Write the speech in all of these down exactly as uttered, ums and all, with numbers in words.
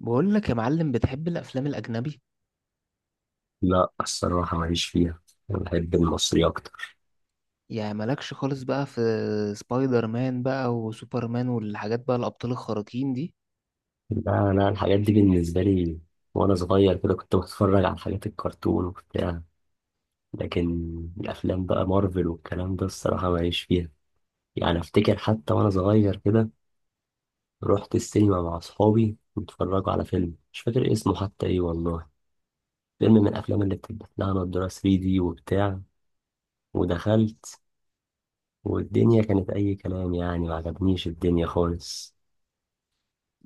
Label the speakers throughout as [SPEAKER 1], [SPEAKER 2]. [SPEAKER 1] بقول لك يا معلم، بتحب الافلام الاجنبي؟
[SPEAKER 2] لا، الصراحة ماليش فيها. أنا بحب المصري أكتر.
[SPEAKER 1] يعني مالكش خالص بقى في سبايدر مان بقى وسوبرمان والحاجات بقى الابطال الخارقين دي؟
[SPEAKER 2] لا، أنا الحاجات دي بالنسبة لي وأنا صغير كده كنت بتفرج على حاجات الكرتون وبتاع، لكن الأفلام بقى مارفل والكلام ده الصراحة ماليش فيها. يعني أفتكر حتى وأنا صغير كده رحت السينما مع أصحابي واتفرجوا على فيلم مش فاكر اسمه حتى إيه والله، فيلم من الأفلام اللي بتلبس لها نضارة ثري دي وبتاع، ودخلت والدنيا كانت أي كلام، يعني ما عجبنيش الدنيا خالص.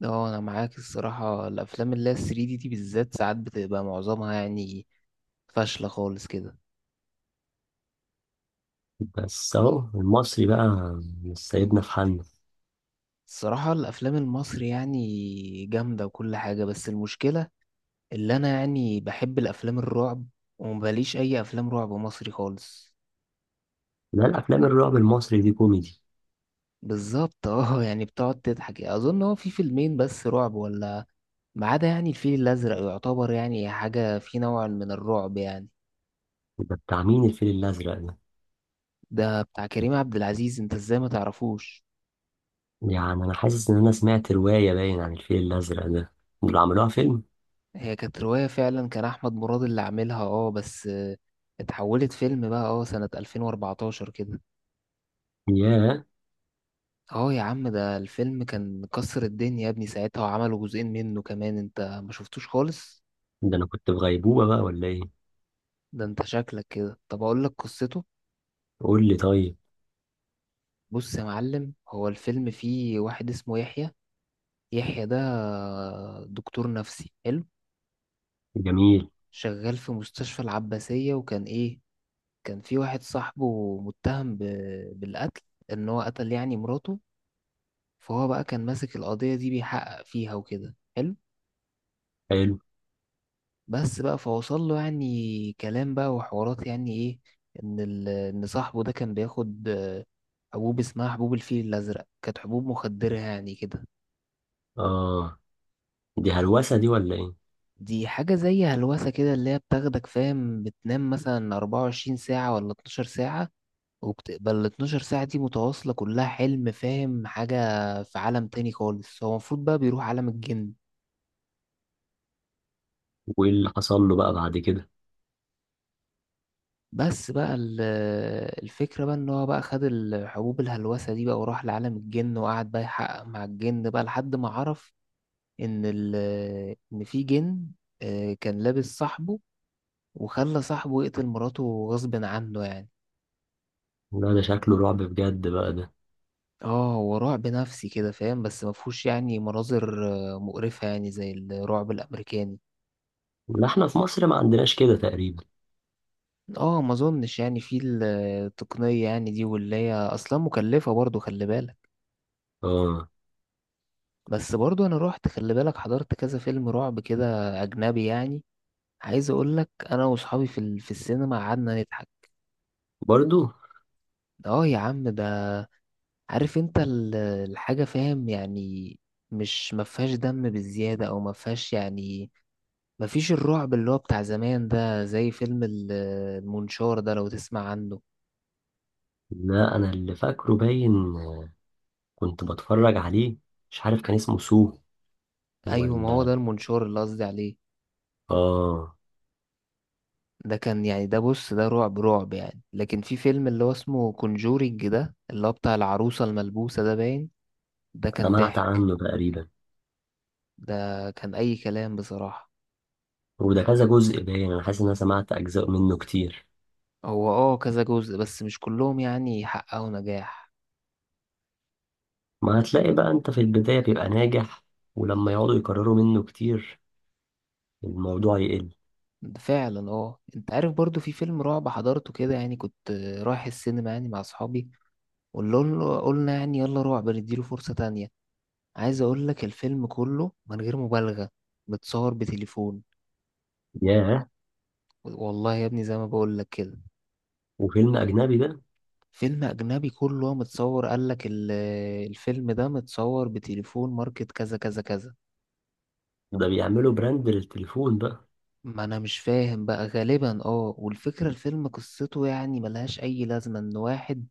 [SPEAKER 1] اه انا معاك. الصراحه الافلام اللي هي 3 دي دي بالذات ساعات بتبقى معظمها يعني فاشله خالص كده.
[SPEAKER 2] بس اهو المصري بقى مش سايبنا في حالنا.
[SPEAKER 1] الصراحه الافلام المصري يعني جامده وكل حاجه، بس المشكله اللي انا يعني بحب الافلام الرعب، ومباليش اي افلام رعب مصري خالص.
[SPEAKER 2] لا، الافلام الرعب المصري دي كوميدي.
[SPEAKER 1] بالظبط اه، يعني بتقعد تضحك. اظن هو في فيلمين بس رعب ولا؟ ما عدا يعني الفيل الأزرق، يعتبر يعني حاجة في نوع من الرعب يعني.
[SPEAKER 2] ده بتاع مين الفيل الازرق ده؟
[SPEAKER 1] ده بتاع كريم عبد العزيز، انت ازاي ما تعرفوش؟
[SPEAKER 2] يعني انا حاسس ان انا سمعت روايه باين عن الفيل الازرق ده، اللي عملوها فيلم.
[SPEAKER 1] هي كانت رواية فعلا، كان أحمد مراد اللي عاملها، اه بس آه، اتحولت فيلم بقى اه سنة ألفين وأربعتاشر كده.
[SPEAKER 2] ياه.
[SPEAKER 1] اه يا عم، ده الفيلم كان كسر الدنيا يا ابني ساعتها، وعملوا جزئين منه كمان، انت ما شفتوش خالص؟
[SPEAKER 2] ده انا كنت في غيبوبه بقى ولا ايه؟
[SPEAKER 1] ده انت شكلك كده. طب اقول لك قصته.
[SPEAKER 2] قول لي طيب.
[SPEAKER 1] بص يا معلم، هو الفيلم فيه واحد اسمه يحيى. يحيى ده دكتور نفسي، حلو.
[SPEAKER 2] جميل.
[SPEAKER 1] شغال في مستشفى العباسية، وكان إيه، كان في واحد صاحبه متهم ب... بالقتل، إن هو قتل يعني مراته. فهو بقى كان ماسك القضية دي بيحقق فيها وكده، حلو.
[SPEAKER 2] حلو.
[SPEAKER 1] بس بقى فوصل له يعني كلام بقى وحوارات يعني إيه، إن ال... إن صاحبه ده كان بياخد آه، حبوب اسمها حبوب الفيل الأزرق، كانت حبوب مخدرة يعني كده.
[SPEAKER 2] اه. دي هلوسه دي ولا ايه؟
[SPEAKER 1] دي حاجة زي هلوسة كده، اللي هي بتاخدك فاهم، بتنام مثلا 24 ساعة ولا 12 ساعة، وبتبقى ال 12 ساعة دي متواصلة كلها حلم، فاهم حاجة؟ في عالم تاني خالص، هو المفروض بقى بيروح عالم الجن.
[SPEAKER 2] وايه اللي حصل له بقى بعد كده؟
[SPEAKER 1] بس بقى ال- الفكرة بقى ان هو بقى خد الحبوب الهلوسة دي بقى وراح لعالم الجن، وقعد بقى يحقق مع الجن بقى لحد ما عرف ان ال ان في جن آه، كان لابس صاحبه، وخلى صاحبه يقتل مراته غصب عنه يعني.
[SPEAKER 2] لا، ده شكله رعب بجد بقى ده.
[SPEAKER 1] اه هو رعب نفسي كده فاهم، بس مفهوش يعني مناظر آه، مقرفة يعني زي الرعب الأمريكاني.
[SPEAKER 2] لا، احنا في مصر ما عندناش كده تقريبا.
[SPEAKER 1] اه ما اظنش يعني في ال- التقنية يعني دي، واللي هي اصلا مكلفة برضو، خلي بالك.
[SPEAKER 2] اه.
[SPEAKER 1] بس برضو انا روحت، خلي بالك، حضرت كذا فيلم رعب كده، اجنبي يعني. عايز اقول لك، انا واصحابي في ال- في السينما قعدنا نضحك.
[SPEAKER 2] برضو.
[SPEAKER 1] اه يا عم ده، عارف انت ال- الحاجة فاهم يعني، مش ما فيهاش دم بالزيادة او ما فيهاش يعني، ما فيش الرعب اللي هو بتاع زمان ده، زي فيلم ال- المنشار ده، لو تسمع عنه.
[SPEAKER 2] لا، انا اللي فاكره باين كنت بتفرج عليه، مش عارف كان اسمه سو
[SPEAKER 1] ايوه، ما هو
[SPEAKER 2] ولا.
[SPEAKER 1] ده المنشار اللي قصدي عليه.
[SPEAKER 2] اه.
[SPEAKER 1] ده كان يعني، ده بص، ده رعب رعب يعني. لكن في فيلم اللي هو اسمه كونجورينج ده، اللي هو بتاع العروسة الملبوسة ده باين، ده كان
[SPEAKER 2] سمعت
[SPEAKER 1] ضحك،
[SPEAKER 2] عنه تقريبا.
[SPEAKER 1] ده كان أي كلام بصراحة.
[SPEAKER 2] وده كذا جزء باين، انا حاسس ان انا سمعت اجزاء منه كتير.
[SPEAKER 1] هو اه كذا جزء، بس مش كلهم يعني حققوا نجاح.
[SPEAKER 2] ما هتلاقي بقى انت في البداية بيبقى ناجح، ولما يقعدوا يكرروا منه كتير الموضوع يقل.
[SPEAKER 1] فعلا. اه انت عارف، برضو في فيلم رعب حضرته كده يعني، كنت رايح السينما يعني مع اصحابي، وقلنا قلنا يعني يلا رعب، نديله فرصة تانية. عايز اقول لك، الفيلم كله من غير مبالغة متصور بتليفون.
[SPEAKER 2] ياه.
[SPEAKER 1] والله يا ابني زي ما بقول لك كده.
[SPEAKER 2] وفيلم اجنبي ده؟
[SPEAKER 1] فيلم أجنبي كله متصور، قالك ال- الفيلم ده متصور بتليفون ماركت كذا كذا كذا.
[SPEAKER 2] ده بيعملوا براند للتليفون بقى.
[SPEAKER 1] ما أنا مش فاهم بقى، غالبا اه. والفكرة الفيلم قصته يعني ملهاش أي لازمة، إن واحد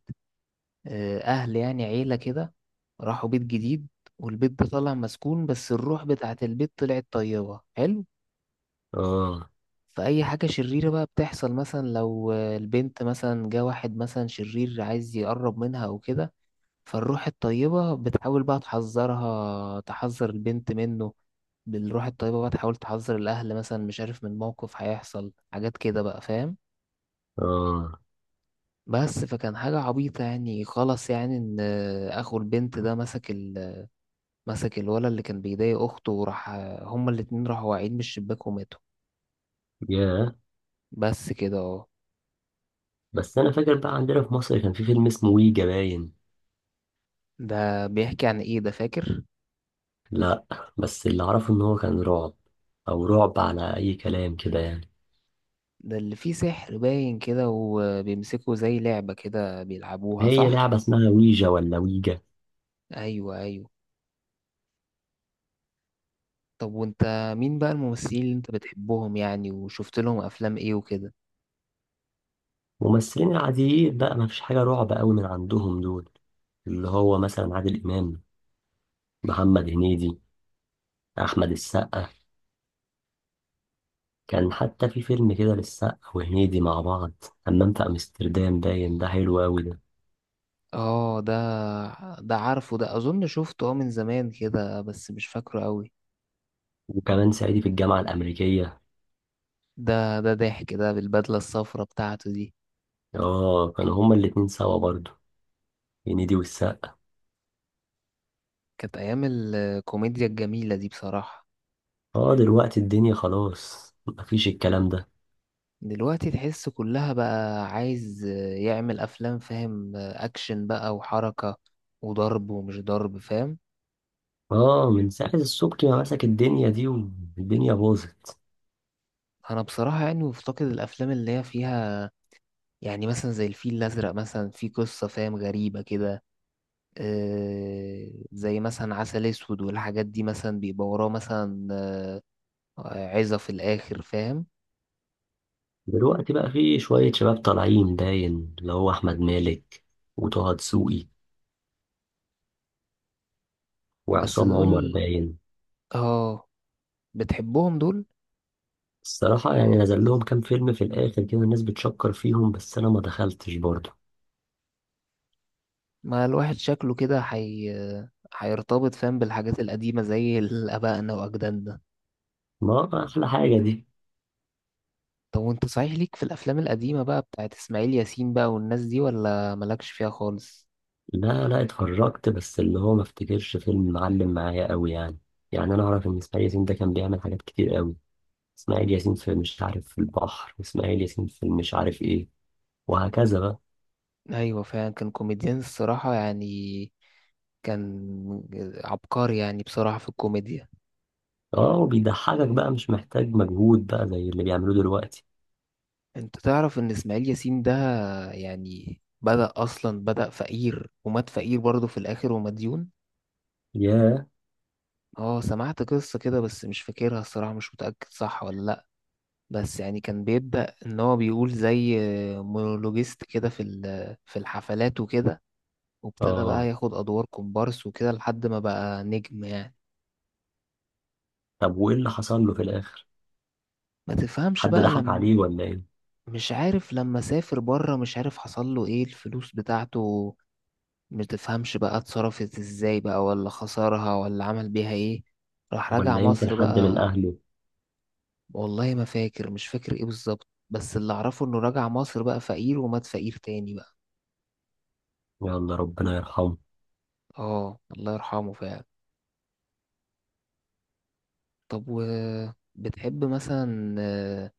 [SPEAKER 1] آه، أهل يعني عيلة كده راحوا بيت جديد، والبيت ده طالع مسكون، بس الروح بتاعة البيت طلعت طيبة، حلو.
[SPEAKER 2] اه.
[SPEAKER 1] فأي حاجة شريرة بقى بتحصل، مثلا لو آه، البنت مثلا جه واحد مثلا شرير عايز يقرب منها أو كده، فالروح الطيبة بتحاول بقى تحذرها، تحذر البنت منه. بالروح الطيبة بقى تحاول تحذر الأهل مثلا، مش عارف، من موقف هيحصل حاجات كده بقى، فاهم.
[SPEAKER 2] اه.
[SPEAKER 1] بس فكان حاجة عبيطة يعني، خلاص يعني، إن أخو البنت ده مسك ال... مسك الولد اللي كان بيضايق أخته، وراح هما الاتنين راحوا واقعين من الشباك وماتوا.
[SPEAKER 2] ياه.
[SPEAKER 1] بس كده، اه.
[SPEAKER 2] بس انا فاكر بقى عندنا في مصر كان في فيلم اسمه ويجا باين.
[SPEAKER 1] ده بيحكي عن إيه ده، فاكر؟
[SPEAKER 2] لا، بس اللي اعرفه ان هو كان رعب، او رعب على اي كلام كده يعني.
[SPEAKER 1] ده اللي فيه سحر باين كده، وبيمسكوا زي لعبة كده بيلعبوها،
[SPEAKER 2] هي لعبة
[SPEAKER 1] صح؟
[SPEAKER 2] اسمها ويجا ولا ويجا؟
[SPEAKER 1] أيوه، أيوه. طب وانت، مين بقى الممثلين اللي انت بتحبهم يعني، وشفت لهم افلام ايه وكده؟
[SPEAKER 2] ممثلين العاديين بقى، ما فيش حاجة رعب قوي من عندهم دول، اللي هو مثلا عادل إمام، محمد هنيدي، أحمد السقا. كان حتى في فيلم كده للسقا وهنيدي مع بعض، حمام في أمستردام باين، ده حلو أوي ده.
[SPEAKER 1] اه ده ده عارفه، ده اظن شفته اه من زمان كده، بس مش فاكره قوي.
[SPEAKER 2] وكمان صعيدي في الجامعة الأمريكية.
[SPEAKER 1] ده ده ضحك ده، بالبدلة الصفرا بتاعته دي.
[SPEAKER 2] اه، كانوا هما الاتنين سوا برضه، هنيدي والسقا.
[SPEAKER 1] كانت ايام الكوميديا الجميلة دي بصراحة.
[SPEAKER 2] اه، دلوقتي الدنيا خلاص مفيش الكلام ده.
[SPEAKER 1] دلوقتي تحس كلها بقى عايز يعمل افلام فاهم، اكشن بقى وحركة وضرب ومش ضرب، فاهم.
[SPEAKER 2] اه، من ساعة السبكي ما مسك الدنيا دي والدنيا باظت.
[SPEAKER 1] انا بصراحة يعني مفتقد الافلام اللي هي فيها يعني مثلا زي الفيل الأزرق مثلا، في قصة فاهم غريبة كده، آه، زي مثلا عسل أسود والحاجات دي، مثلا بيبقى وراه مثلا آه، عظة في الآخر، فاهم.
[SPEAKER 2] دلوقتي بقى في شوية شباب طالعين باين، اللي هو أحمد مالك وطه دسوقي
[SPEAKER 1] بس
[SPEAKER 2] وعصام عمر
[SPEAKER 1] دول،
[SPEAKER 2] باين.
[SPEAKER 1] اه، بتحبهم دول؟
[SPEAKER 2] الصراحة يعني نزل لهم كام فيلم في الآخر كده الناس بتشكر فيهم، بس أنا ما دخلتش برضه.
[SPEAKER 1] ما الواحد شكله كده حي... هيرتبط فاهم بالحاجات القديمة، زي ال- آبائنا وأجدادنا.
[SPEAKER 2] ما أحلى حاجة دي.
[SPEAKER 1] طب وانت صحيح، ليك في الأفلام القديمة بقى بتاعت إسماعيل ياسين بقى والناس دي، ولا مالكش فيها خالص؟
[SPEAKER 2] لا، لا، اتفرجت بس اللي هو ما افتكرش فيلم معلم معايا قوي يعني. يعني أنا أعرف إن إسماعيل ياسين ده كان بيعمل حاجات كتير قوي. إسماعيل ياسين في مش عارف في البحر، إسماعيل ياسين في مش عارف إيه، وهكذا بقى.
[SPEAKER 1] ايوه فعلا، كان كوميديان الصراحة يعني، كان عبقري يعني بصراحة في الكوميديا.
[SPEAKER 2] اه، وبيضحكك بقى مش محتاج مجهود بقى زي اللي بيعملوه دلوقتي.
[SPEAKER 1] انت تعرف ان اسماعيل ياسين ده يعني بدأ اصلا بدأ فقير، ومات فقير برضه في الاخر، ومديون.
[SPEAKER 2] ياه.
[SPEAKER 1] اه سمعت قصة كده، بس مش فاكرها الصراحة، مش متأكد صح ولا لأ. بس يعني كان بيبدأ ان هو بيقول زي مونولوجيست كده في ال- في الحفلات وكده، وابتدى بقى
[SPEAKER 2] اه.
[SPEAKER 1] ياخد ادوار كومبارس وكده لحد ما بقى نجم يعني.
[SPEAKER 2] طب وايه اللي حصل له في الاخر؟
[SPEAKER 1] ما تفهمش
[SPEAKER 2] حد
[SPEAKER 1] بقى،
[SPEAKER 2] ضحك
[SPEAKER 1] لما،
[SPEAKER 2] عليه ولا ايه؟
[SPEAKER 1] مش عارف، لما سافر بره مش عارف حصل له ايه الفلوس بتاعته، مش تفهمش بقى اتصرفت ازاي بقى، ولا خسرها، ولا عمل بيها ايه، راح رجع
[SPEAKER 2] ولا يمكن
[SPEAKER 1] مصر
[SPEAKER 2] حد من
[SPEAKER 1] بقى.
[SPEAKER 2] اهله؟
[SPEAKER 1] والله ما فاكر مش فاكر ايه بالظبط، بس اللي اعرفه انه رجع مصر بقى فقير، ومات فقير تاني بقى.
[SPEAKER 2] يلا، ربنا يرحمه.
[SPEAKER 1] اه الله يرحمه فعلا. طب و، بتحب مثلا آه،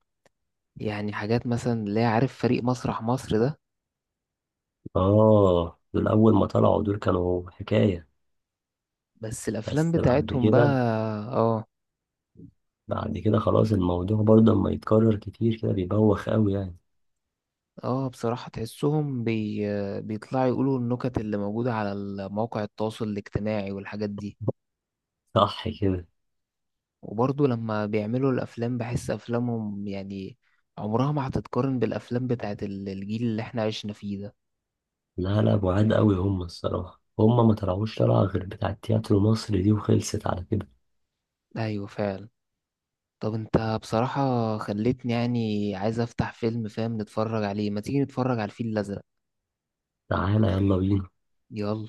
[SPEAKER 1] يعني حاجات مثلا اللي هي، عارف فريق مسرح مصر ده؟
[SPEAKER 2] اه، دول اول ما طلعوا دول كانوا حكاية،
[SPEAKER 1] بس الافلام
[SPEAKER 2] بس بعد
[SPEAKER 1] بتاعتهم بقى،
[SPEAKER 2] كده.
[SPEAKER 1] اه.
[SPEAKER 2] بعد كده خلاص، الموضوع برضه لما يتكرر كتير كده بيبوخ قوي يعني.
[SPEAKER 1] اه بصراحة تحسهم بي... بيطلعوا يقولوا النكت اللي موجودة على ال- مواقع التواصل الاجتماعي والحاجات دي.
[SPEAKER 2] صح كده.
[SPEAKER 1] وبرضه لما بيعملوا الأفلام، بحس أفلامهم يعني عمرها ما هتتقارن بالأفلام بتاعت ال- الجيل اللي احنا عشنا فيه ده.
[SPEAKER 2] لا، لا، بعاد قوي، هم الصراحة هم ما طلعوش طلعة غير بتاع التياترو مصر دي وخلصت على كده.
[SPEAKER 1] أيوة فعلا. طب انت بصراحة خليتني يعني عايز أفتح فيلم فاهم نتفرج عليه، ما تيجي نتفرج على الفيل الأزرق.
[SPEAKER 2] تعالى يلا بينا.
[SPEAKER 1] يلا.